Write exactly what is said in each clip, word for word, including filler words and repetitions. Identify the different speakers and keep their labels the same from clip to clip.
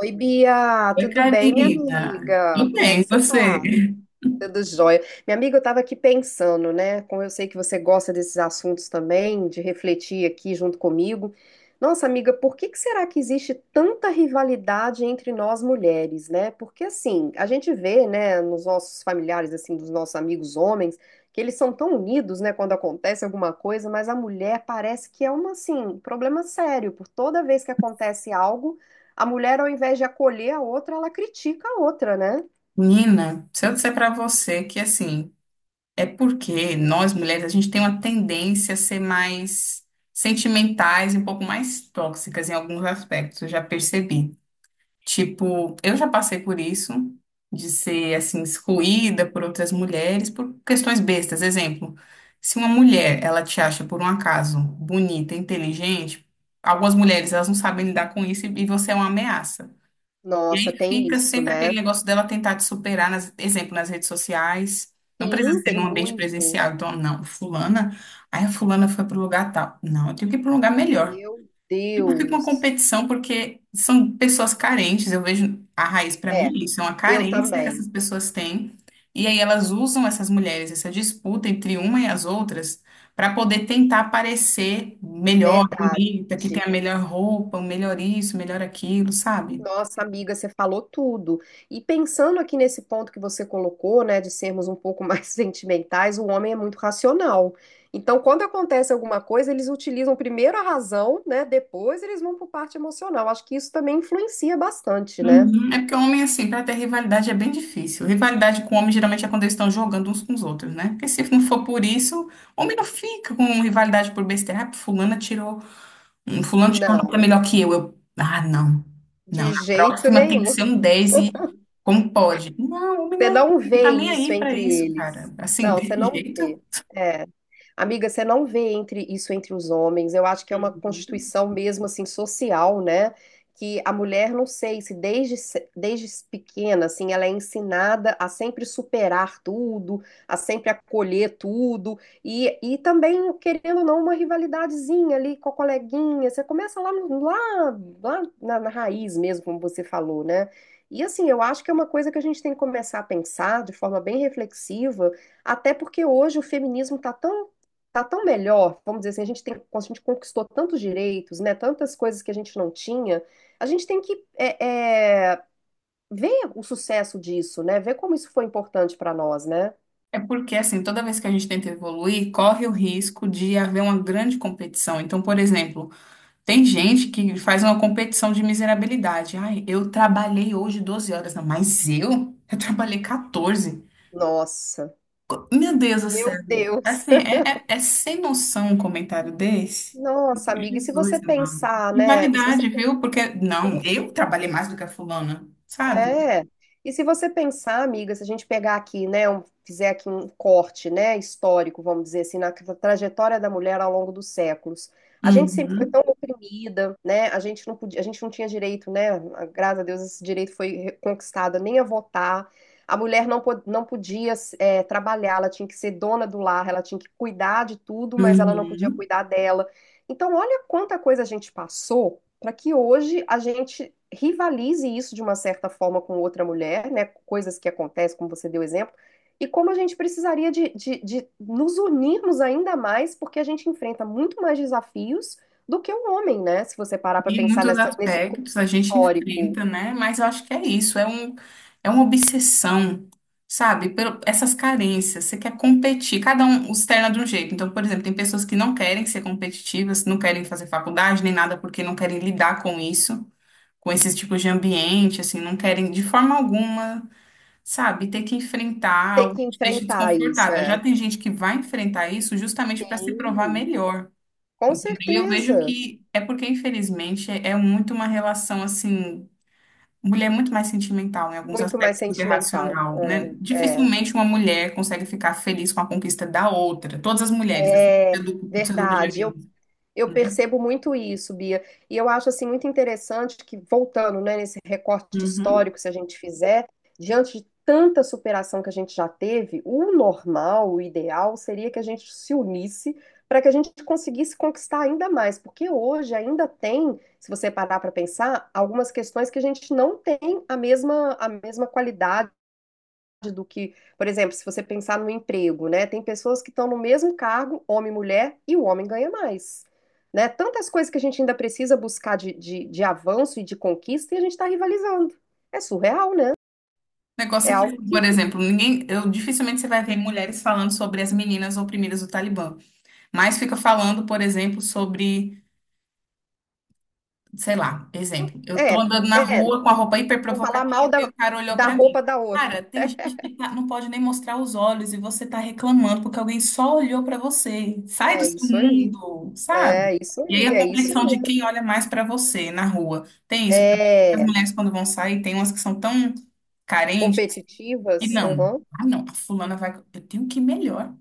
Speaker 1: Oi, Bia,
Speaker 2: Oi,
Speaker 1: tudo bem, minha
Speaker 2: Karina.
Speaker 1: amiga?
Speaker 2: Tudo
Speaker 1: Como é
Speaker 2: bem,
Speaker 1: que
Speaker 2: e
Speaker 1: você
Speaker 2: você?
Speaker 1: tá? Tudo jóia. Minha amiga, eu estava aqui pensando, né? Como eu sei que você gosta desses assuntos também, de refletir aqui junto comigo. Nossa, amiga, por que que será que existe tanta rivalidade entre nós mulheres, né? Porque assim, a gente vê, né, nos nossos familiares, assim, dos nossos amigos homens, que eles são tão unidos, né, quando acontece alguma coisa, mas a mulher parece que é uma, assim, um problema sério, por toda vez que acontece algo, a mulher, ao invés de acolher a outra, ela critica a outra, né?
Speaker 2: Nina, se eu disser pra você que assim, é porque nós mulheres a gente tem uma tendência a ser mais sentimentais e um pouco mais tóxicas em alguns aspectos, eu já percebi. Tipo, eu já passei por isso, de ser assim excluída por outras mulheres por questões bestas. Exemplo, se uma mulher, ela te acha por um acaso bonita, inteligente, algumas mulheres elas não sabem lidar com isso e e você é uma ameaça. E
Speaker 1: Nossa,
Speaker 2: aí
Speaker 1: tem
Speaker 2: fica
Speaker 1: isso,
Speaker 2: sempre
Speaker 1: né?
Speaker 2: aquele negócio dela tentar te superar, nas, exemplo, nas redes sociais. Não precisa
Speaker 1: Sim,
Speaker 2: ser
Speaker 1: tem
Speaker 2: num ambiente
Speaker 1: muito.
Speaker 2: presencial. Então, não, fulana, aí a fulana foi para o lugar tal. Não, eu tenho que ir para um lugar melhor.
Speaker 1: Meu
Speaker 2: Tipo, fica uma
Speaker 1: Deus.
Speaker 2: competição porque são pessoas carentes. Eu vejo a raiz para mim
Speaker 1: É,
Speaker 2: é isso, é uma
Speaker 1: eu
Speaker 2: carência que
Speaker 1: também.
Speaker 2: essas pessoas têm. E aí elas usam essas mulheres, essa disputa entre uma e as outras, para poder tentar parecer melhor,
Speaker 1: Verdade.
Speaker 2: bonita, que tem a melhor roupa, o melhor isso, o melhor aquilo, sabe?
Speaker 1: Nossa, amiga, você falou tudo. E pensando aqui nesse ponto que você colocou, né, de sermos um pouco mais sentimentais, o homem é muito racional. Então, quando acontece alguma coisa, eles utilizam primeiro a razão, né, depois eles vão para parte emocional. Acho que isso também influencia bastante, né?
Speaker 2: Uhum. É porque homem, assim, pra ter rivalidade é bem difícil. Rivalidade com homem geralmente é quando eles estão jogando uns com os outros, né? Porque se não for por isso, homem não fica com rivalidade por besteira. Ah, fulana tirou, hum, fulano tirou um nota
Speaker 1: Não,
Speaker 2: melhor que eu. Eu, ah, não. Não,
Speaker 1: de
Speaker 2: na
Speaker 1: jeito
Speaker 2: próxima tem que ser
Speaker 1: nenhum.
Speaker 2: um dez e como pode? Não, homem não
Speaker 1: Você
Speaker 2: é
Speaker 1: não
Speaker 2: assim, não
Speaker 1: vê
Speaker 2: tá nem
Speaker 1: isso
Speaker 2: aí pra
Speaker 1: entre
Speaker 2: isso,
Speaker 1: eles.
Speaker 2: cara. Assim,
Speaker 1: Não, você
Speaker 2: desse
Speaker 1: não
Speaker 2: jeito.
Speaker 1: vê. É. Amiga, você não vê entre isso entre os homens. Eu acho que é uma constituição mesmo assim social, né? Que a mulher, não sei, se desde, se- desde pequena, assim, ela é ensinada a sempre superar tudo, a sempre acolher tudo, e, e também, querendo ou não, uma rivalidadezinha ali com a coleguinha. Você começa lá, no- lá, lá na na raiz mesmo, como você falou, né? E assim, eu acho que é uma coisa que a gente tem que começar a pensar de forma bem reflexiva, até porque hoje o feminismo está tão, tá tão melhor, vamos dizer assim, a gente tem, a gente conquistou tantos direitos, né, tantas coisas que a gente não tinha, a gente tem que é, é, ver o sucesso disso, né, ver como isso foi importante para nós, né?
Speaker 2: É porque, assim, toda vez que a gente tenta evoluir, corre o risco de haver uma grande competição. Então, por exemplo, tem gente que faz uma competição de miserabilidade. Ai, eu trabalhei hoje doze horas. Não, mas eu? Eu trabalhei quatorze.
Speaker 1: Nossa,
Speaker 2: Meu Deus do
Speaker 1: meu
Speaker 2: céu.
Speaker 1: Deus.
Speaker 2: Assim, é, é, é sem noção um comentário desse.
Speaker 1: Nossa, amiga, e se você
Speaker 2: Jesus, amado.
Speaker 1: pensar, né? E se você
Speaker 2: Rivalidade, viu? Porque, não, eu trabalhei mais do que a fulana, sabe?
Speaker 1: é. E se você pensar, amiga, se a gente pegar aqui, né, um- fizer aqui um corte, né, histórico, vamos dizer assim, na tra- trajetória da mulher ao longo dos séculos, a gente sempre foi
Speaker 2: Uhum,
Speaker 1: tão oprimida, né? A gente não podia, a gente não tinha direito, né? Graças a Deus esse direito foi conquistado, nem a votar. A mulher não, po- não podia é, trabalhar, ela tinha que ser dona do lar, ela tinha que cuidar de tudo, mas ela não podia
Speaker 2: uhum.
Speaker 1: cuidar dela. Então, olha quanta coisa a gente passou para que hoje a gente rivalize isso de uma certa forma com outra mulher, né? Coisas que acontecem, como você deu exemplo, e como a gente precisaria de, de, de nos unirmos ainda mais, porque a gente enfrenta muito mais desafios do que o homem, né? Se você parar para
Speaker 2: E
Speaker 1: pensar
Speaker 2: muitos
Speaker 1: nessa, nesse
Speaker 2: aspectos a
Speaker 1: contexto
Speaker 2: gente
Speaker 1: histórico,
Speaker 2: enfrenta, né? Mas eu acho que é isso, é um, é uma obsessão, sabe? Pelo, essas carências, você quer competir, cada um externa de um jeito. Então, por exemplo, tem pessoas que não querem ser competitivas, não querem fazer faculdade nem nada porque não querem lidar com isso, com esses tipos de ambiente, assim, não querem de forma alguma, sabe? Ter que enfrentar
Speaker 1: ter
Speaker 2: algo
Speaker 1: que
Speaker 2: que te deixa
Speaker 1: enfrentar isso,
Speaker 2: desconfortável. Já
Speaker 1: é.
Speaker 2: tem gente que vai enfrentar isso justamente para se provar
Speaker 1: Sim.
Speaker 2: melhor.
Speaker 1: Com
Speaker 2: Entendeu? E eu vejo
Speaker 1: certeza,
Speaker 2: que é porque, infelizmente, é muito uma relação assim. Mulher é muito mais sentimental em alguns
Speaker 1: muito mais
Speaker 2: aspectos do que
Speaker 1: sentimental.
Speaker 2: racional, né?
Speaker 1: É,
Speaker 2: Dificilmente uma mulher consegue ficar feliz com a conquista da outra. Todas as mulheres, assim,
Speaker 1: é, é
Speaker 2: do, do seu grupo de
Speaker 1: verdade. Eu
Speaker 2: amigos,
Speaker 1: Eu
Speaker 2: né?
Speaker 1: percebo muito isso, Bia, e eu acho assim muito interessante que voltando, né, nesse recorte
Speaker 2: Uhum. O
Speaker 1: histórico, se a gente fizer, diante de tanta superação que a gente já teve, o normal, o ideal seria que a gente se unisse para que a gente conseguisse conquistar ainda mais, porque hoje ainda tem, se você parar para pensar, algumas questões que a gente não tem a mesma a mesma qualidade do que, por exemplo, se você pensar no emprego, né? Tem pessoas que estão no mesmo cargo, homem e mulher, e o homem ganha mais. Né? Tantas coisas que a gente ainda precisa buscar de, de, de avanço e de conquista e a gente está rivalizando. É surreal, né? É
Speaker 2: negócio é que,
Speaker 1: algo
Speaker 2: assim, por
Speaker 1: que.
Speaker 2: exemplo, ninguém, eu dificilmente você vai ver mulheres falando sobre as meninas oprimidas do Talibã, mas fica falando, por exemplo, sobre sei lá, exemplo, eu tô
Speaker 1: É,
Speaker 2: andando na
Speaker 1: é.
Speaker 2: rua com a roupa hiper
Speaker 1: Vão falar mal
Speaker 2: provocativa e
Speaker 1: da,
Speaker 2: o cara olhou
Speaker 1: da
Speaker 2: pra mim.
Speaker 1: roupa da outra.
Speaker 2: Cara, tem gente que tá- não pode nem mostrar os olhos e você tá reclamando porque alguém só olhou pra você. Sai do
Speaker 1: É
Speaker 2: seu
Speaker 1: isso aí.
Speaker 2: mundo, sabe?
Speaker 1: É isso
Speaker 2: E aí
Speaker 1: aí.
Speaker 2: a
Speaker 1: É isso
Speaker 2: competição de
Speaker 1: mesmo.
Speaker 2: quem olha mais pra você na rua. Tem isso também. As
Speaker 1: É.
Speaker 2: mulheres quando vão sair, tem umas que são tão carentes e
Speaker 1: Competitivas.
Speaker 2: não.
Speaker 1: Uhum.
Speaker 2: Ah, não, a fulana vai, eu tenho que ir melhor.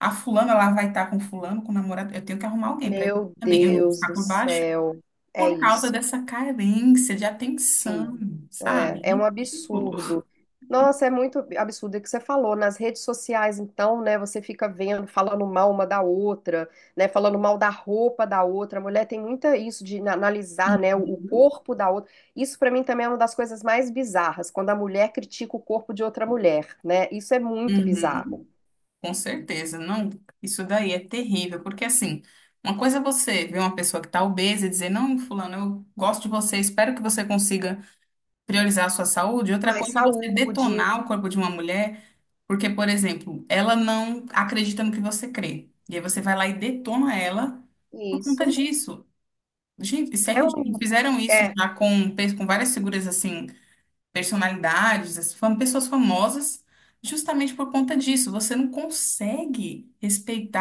Speaker 2: A fulana lá vai estar com fulano, com o namorado, eu tenho que arrumar alguém pra ir
Speaker 1: Meu
Speaker 2: também. Eu não vou
Speaker 1: Deus
Speaker 2: ficar
Speaker 1: do
Speaker 2: por baixo
Speaker 1: céu. É
Speaker 2: por causa
Speaker 1: isso.
Speaker 2: dessa carência de atenção,
Speaker 1: Sim, é, é um
Speaker 2: sabe? Ridículo.
Speaker 1: absurdo. Nossa, é muito absurdo. É o que você falou. Nas redes sociais, então, né, você fica vendo, falando mal uma da outra, né, falando mal da roupa da outra. A mulher tem muita isso de na- analisar, né, o o
Speaker 2: Uhum.
Speaker 1: corpo da outra. Isso pra mim também é uma das coisas mais bizarras, quando a mulher critica o corpo de outra mulher, né? Isso é muito bizarro.
Speaker 2: Uhum. Com certeza, não. Isso daí é terrível, porque assim, uma coisa é você ver uma pessoa que está obesa e dizer, não, fulano, eu gosto de você, espero que você consiga priorizar a sua saúde. Outra
Speaker 1: Mais
Speaker 2: coisa é você
Speaker 1: saúde,
Speaker 2: detonar o corpo de uma mulher, porque, por exemplo, ela não acredita no que você crê. E aí você vai lá e detona ela por conta
Speaker 1: isso.
Speaker 2: disso. Gente, isso é
Speaker 1: É um,
Speaker 2: Fizeram isso
Speaker 1: é,
Speaker 2: já com, pe- com várias figuras, assim, personalidades, as fam- pessoas famosas, justamente por conta disso. Você não consegue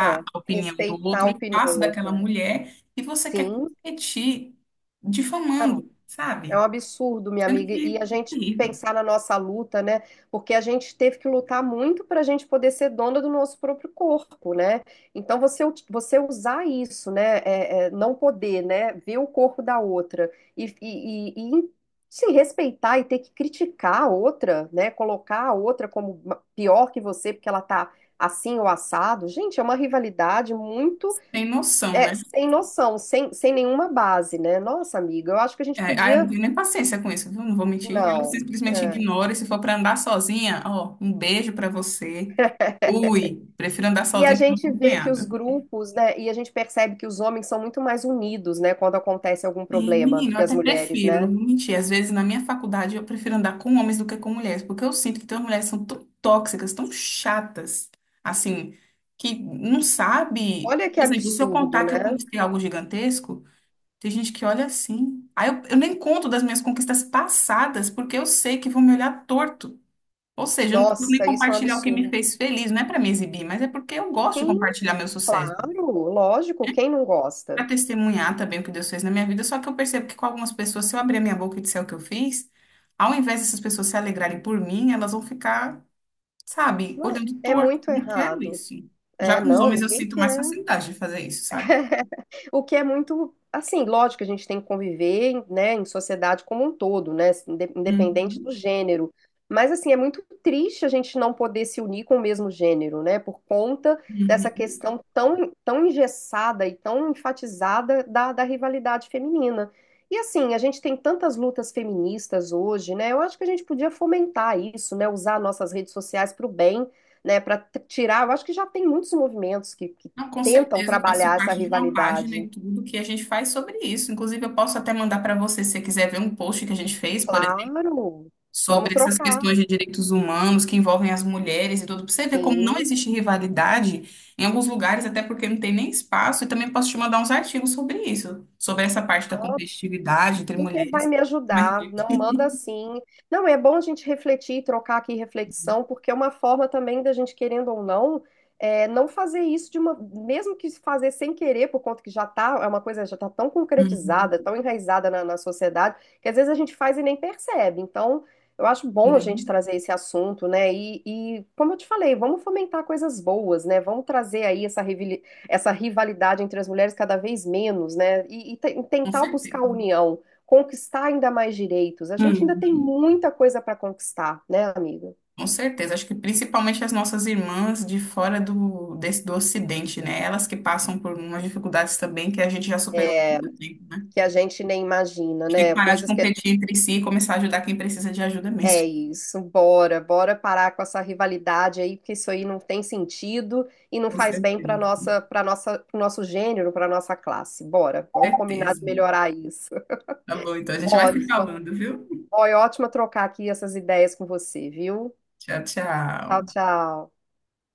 Speaker 1: é,
Speaker 2: a opinião do
Speaker 1: respeitar a
Speaker 2: outro, o
Speaker 1: opinião
Speaker 2: espaço
Speaker 1: do outro.
Speaker 2: daquela
Speaker 1: É.
Speaker 2: mulher, e você quer
Speaker 1: Sim,
Speaker 2: competir difamando,
Speaker 1: é um
Speaker 2: sabe?
Speaker 1: absurdo, minha
Speaker 2: Sendo
Speaker 1: amiga, e a
Speaker 2: que é
Speaker 1: gente
Speaker 2: terrível.
Speaker 1: pensar na nossa luta, né? Porque a gente teve que lutar muito para a gente poder ser dona do nosso próprio corpo, né? Então você, ut- você usar isso, né? É, é, não poder, né? Ver o corpo da outra e, e, e- e se respeitar e ter que criticar a outra, né? Colocar a outra como ma- pior que você porque ela tá assim ou assado. Gente, é uma rivalidade muito
Speaker 2: Tem noção, né?
Speaker 1: é, sem noção, sem, sem nenhuma base, né? Nossa, amiga, eu acho que a gente
Speaker 2: É, ah, eu não
Speaker 1: podia
Speaker 2: tenho nem paciência com isso, viu? Não vou mentir. Eu
Speaker 1: não.
Speaker 2: simplesmente
Speaker 1: É.
Speaker 2: ignoro. E se for pra andar sozinha, ó, um beijo pra você. Ui, prefiro andar
Speaker 1: E a
Speaker 2: sozinha que não
Speaker 1: gente vê que os
Speaker 2: acompanhada.
Speaker 1: grupos, né, e a gente percebe que os homens são muito mais unidos, né, quando acontece algum
Speaker 2: Sim,
Speaker 1: problema do
Speaker 2: menino, eu
Speaker 1: que as
Speaker 2: até
Speaker 1: mulheres,
Speaker 2: prefiro,
Speaker 1: né?
Speaker 2: não vou mentir. Às vezes na minha faculdade eu prefiro andar com homens do que com mulheres, porque eu sinto que tem umas mulheres que são tão tóxicas, tão chatas, assim, que não sabe.
Speaker 1: Olha que
Speaker 2: Por exemplo, se eu
Speaker 1: absurdo,
Speaker 2: contar
Speaker 1: né?
Speaker 2: que eu conquistei algo gigantesco, tem gente que olha assim. Aí eu, eu nem conto das minhas conquistas passadas, porque eu sei que vão me olhar torto. Ou seja, eu não preciso nem
Speaker 1: Nossa, isso é um
Speaker 2: compartilhar o que me
Speaker 1: absurdo.
Speaker 2: fez feliz, não é para me exibir, mas é porque eu gosto de compartilhar meu sucesso
Speaker 1: Claro, lógico, quem não
Speaker 2: para
Speaker 1: gosta?
Speaker 2: testemunhar também o que Deus fez na minha vida, só que eu percebo que com algumas pessoas, se eu abrir a minha boca e disser o que eu fiz, ao invés dessas pessoas se alegrarem por mim, elas vão ficar, sabe,
Speaker 1: Não,
Speaker 2: olhando
Speaker 1: é
Speaker 2: torto.
Speaker 1: muito
Speaker 2: Eu não quero
Speaker 1: errado.
Speaker 2: isso.
Speaker 1: É,
Speaker 2: Já com os
Speaker 1: não,
Speaker 2: homens eu
Speaker 1: ninguém
Speaker 2: sinto mais
Speaker 1: quer.
Speaker 2: facilidade de fazer isso, sabe?
Speaker 1: O que é muito, assim, lógico que a gente tem que conviver, né, em sociedade como um todo, né, inde- independente do
Speaker 2: Uhum,
Speaker 1: gênero. Mas, assim, é muito triste a gente não poder se unir com o mesmo gênero, né, por conta dessa
Speaker 2: uhum.
Speaker 1: questão tão, tão engessada e tão enfatizada da, da rivalidade feminina. E, assim, a gente tem tantas lutas feministas hoje, né, eu acho que a gente podia fomentar isso, né, usar nossas redes sociais para o bem, né, para tirar. Eu acho que já tem muitos movimentos que que
Speaker 2: Não, com
Speaker 1: tentam
Speaker 2: certeza, eu faço
Speaker 1: trabalhar essa
Speaker 2: parte de uma página
Speaker 1: rivalidade.
Speaker 2: e tudo que a gente faz sobre isso. Inclusive, eu posso até mandar para você, se você quiser ver um post que a gente fez, por exemplo
Speaker 1: Claro, vamos
Speaker 2: sobre essas
Speaker 1: trocar.
Speaker 2: questões de direitos humanos que envolvem as mulheres e tudo, pra você ver como não
Speaker 1: Sim.
Speaker 2: existe rivalidade em alguns lugares, até porque não tem nem espaço, e também posso te mandar uns artigos sobre isso, sobre essa parte da competitividade entre
Speaker 1: Super vai
Speaker 2: mulheres.
Speaker 1: me
Speaker 2: Mas,
Speaker 1: ajudar, não manda assim. Não, é bom a gente refletir, trocar aqui reflexão, porque é uma forma também da gente, querendo ou não, é, não fazer isso de uma, mesmo que fazer sem querer, por conta que já tá, é uma coisa já tá tão
Speaker 2: uhum.
Speaker 1: concretizada, tão enraizada na, na sociedade, que às vezes a gente faz e nem percebe. Então, eu acho bom a gente
Speaker 2: Uhum.
Speaker 1: trazer esse assunto, né? E, e como eu te falei, vamos fomentar coisas boas, né? Vamos trazer aí essa rivali- essa rivalidade entre as mulheres cada vez menos, né? E, e te-
Speaker 2: Com
Speaker 1: tentar buscar a
Speaker 2: certeza.
Speaker 1: união conquistar ainda mais direitos. A gente ainda tem
Speaker 2: Uhum.
Speaker 1: muita coisa para conquistar, né, amiga?
Speaker 2: Com certeza. Acho que principalmente as nossas irmãs de fora do, desse, do Ocidente, né? Elas que passam por umas dificuldades também que a gente já superou há
Speaker 1: É,
Speaker 2: muito tempo, né?
Speaker 1: que a gente nem imagina,
Speaker 2: A gente tem que
Speaker 1: né?
Speaker 2: parar de
Speaker 1: Coisas que a-
Speaker 2: competir entre si e começar a ajudar quem precisa de ajuda
Speaker 1: é
Speaker 2: mesmo.
Speaker 1: isso. Bora, bora parar com essa rivalidade aí, porque isso aí não tem sentido e não
Speaker 2: Com
Speaker 1: faz bem para
Speaker 2: certeza.
Speaker 1: nossa, para nossa, pro nosso gênero, para nossa classe. Bora, vamos combinar
Speaker 2: Certeza.
Speaker 1: de melhorar isso.
Speaker 2: Tá bom, então a gente vai se
Speaker 1: Ótima.
Speaker 2: falando, viu?
Speaker 1: Foi ótimo trocar aqui essas ideias com você, viu?
Speaker 2: Tchau,
Speaker 1: Tchau,
Speaker 2: tchau.
Speaker 1: tchau.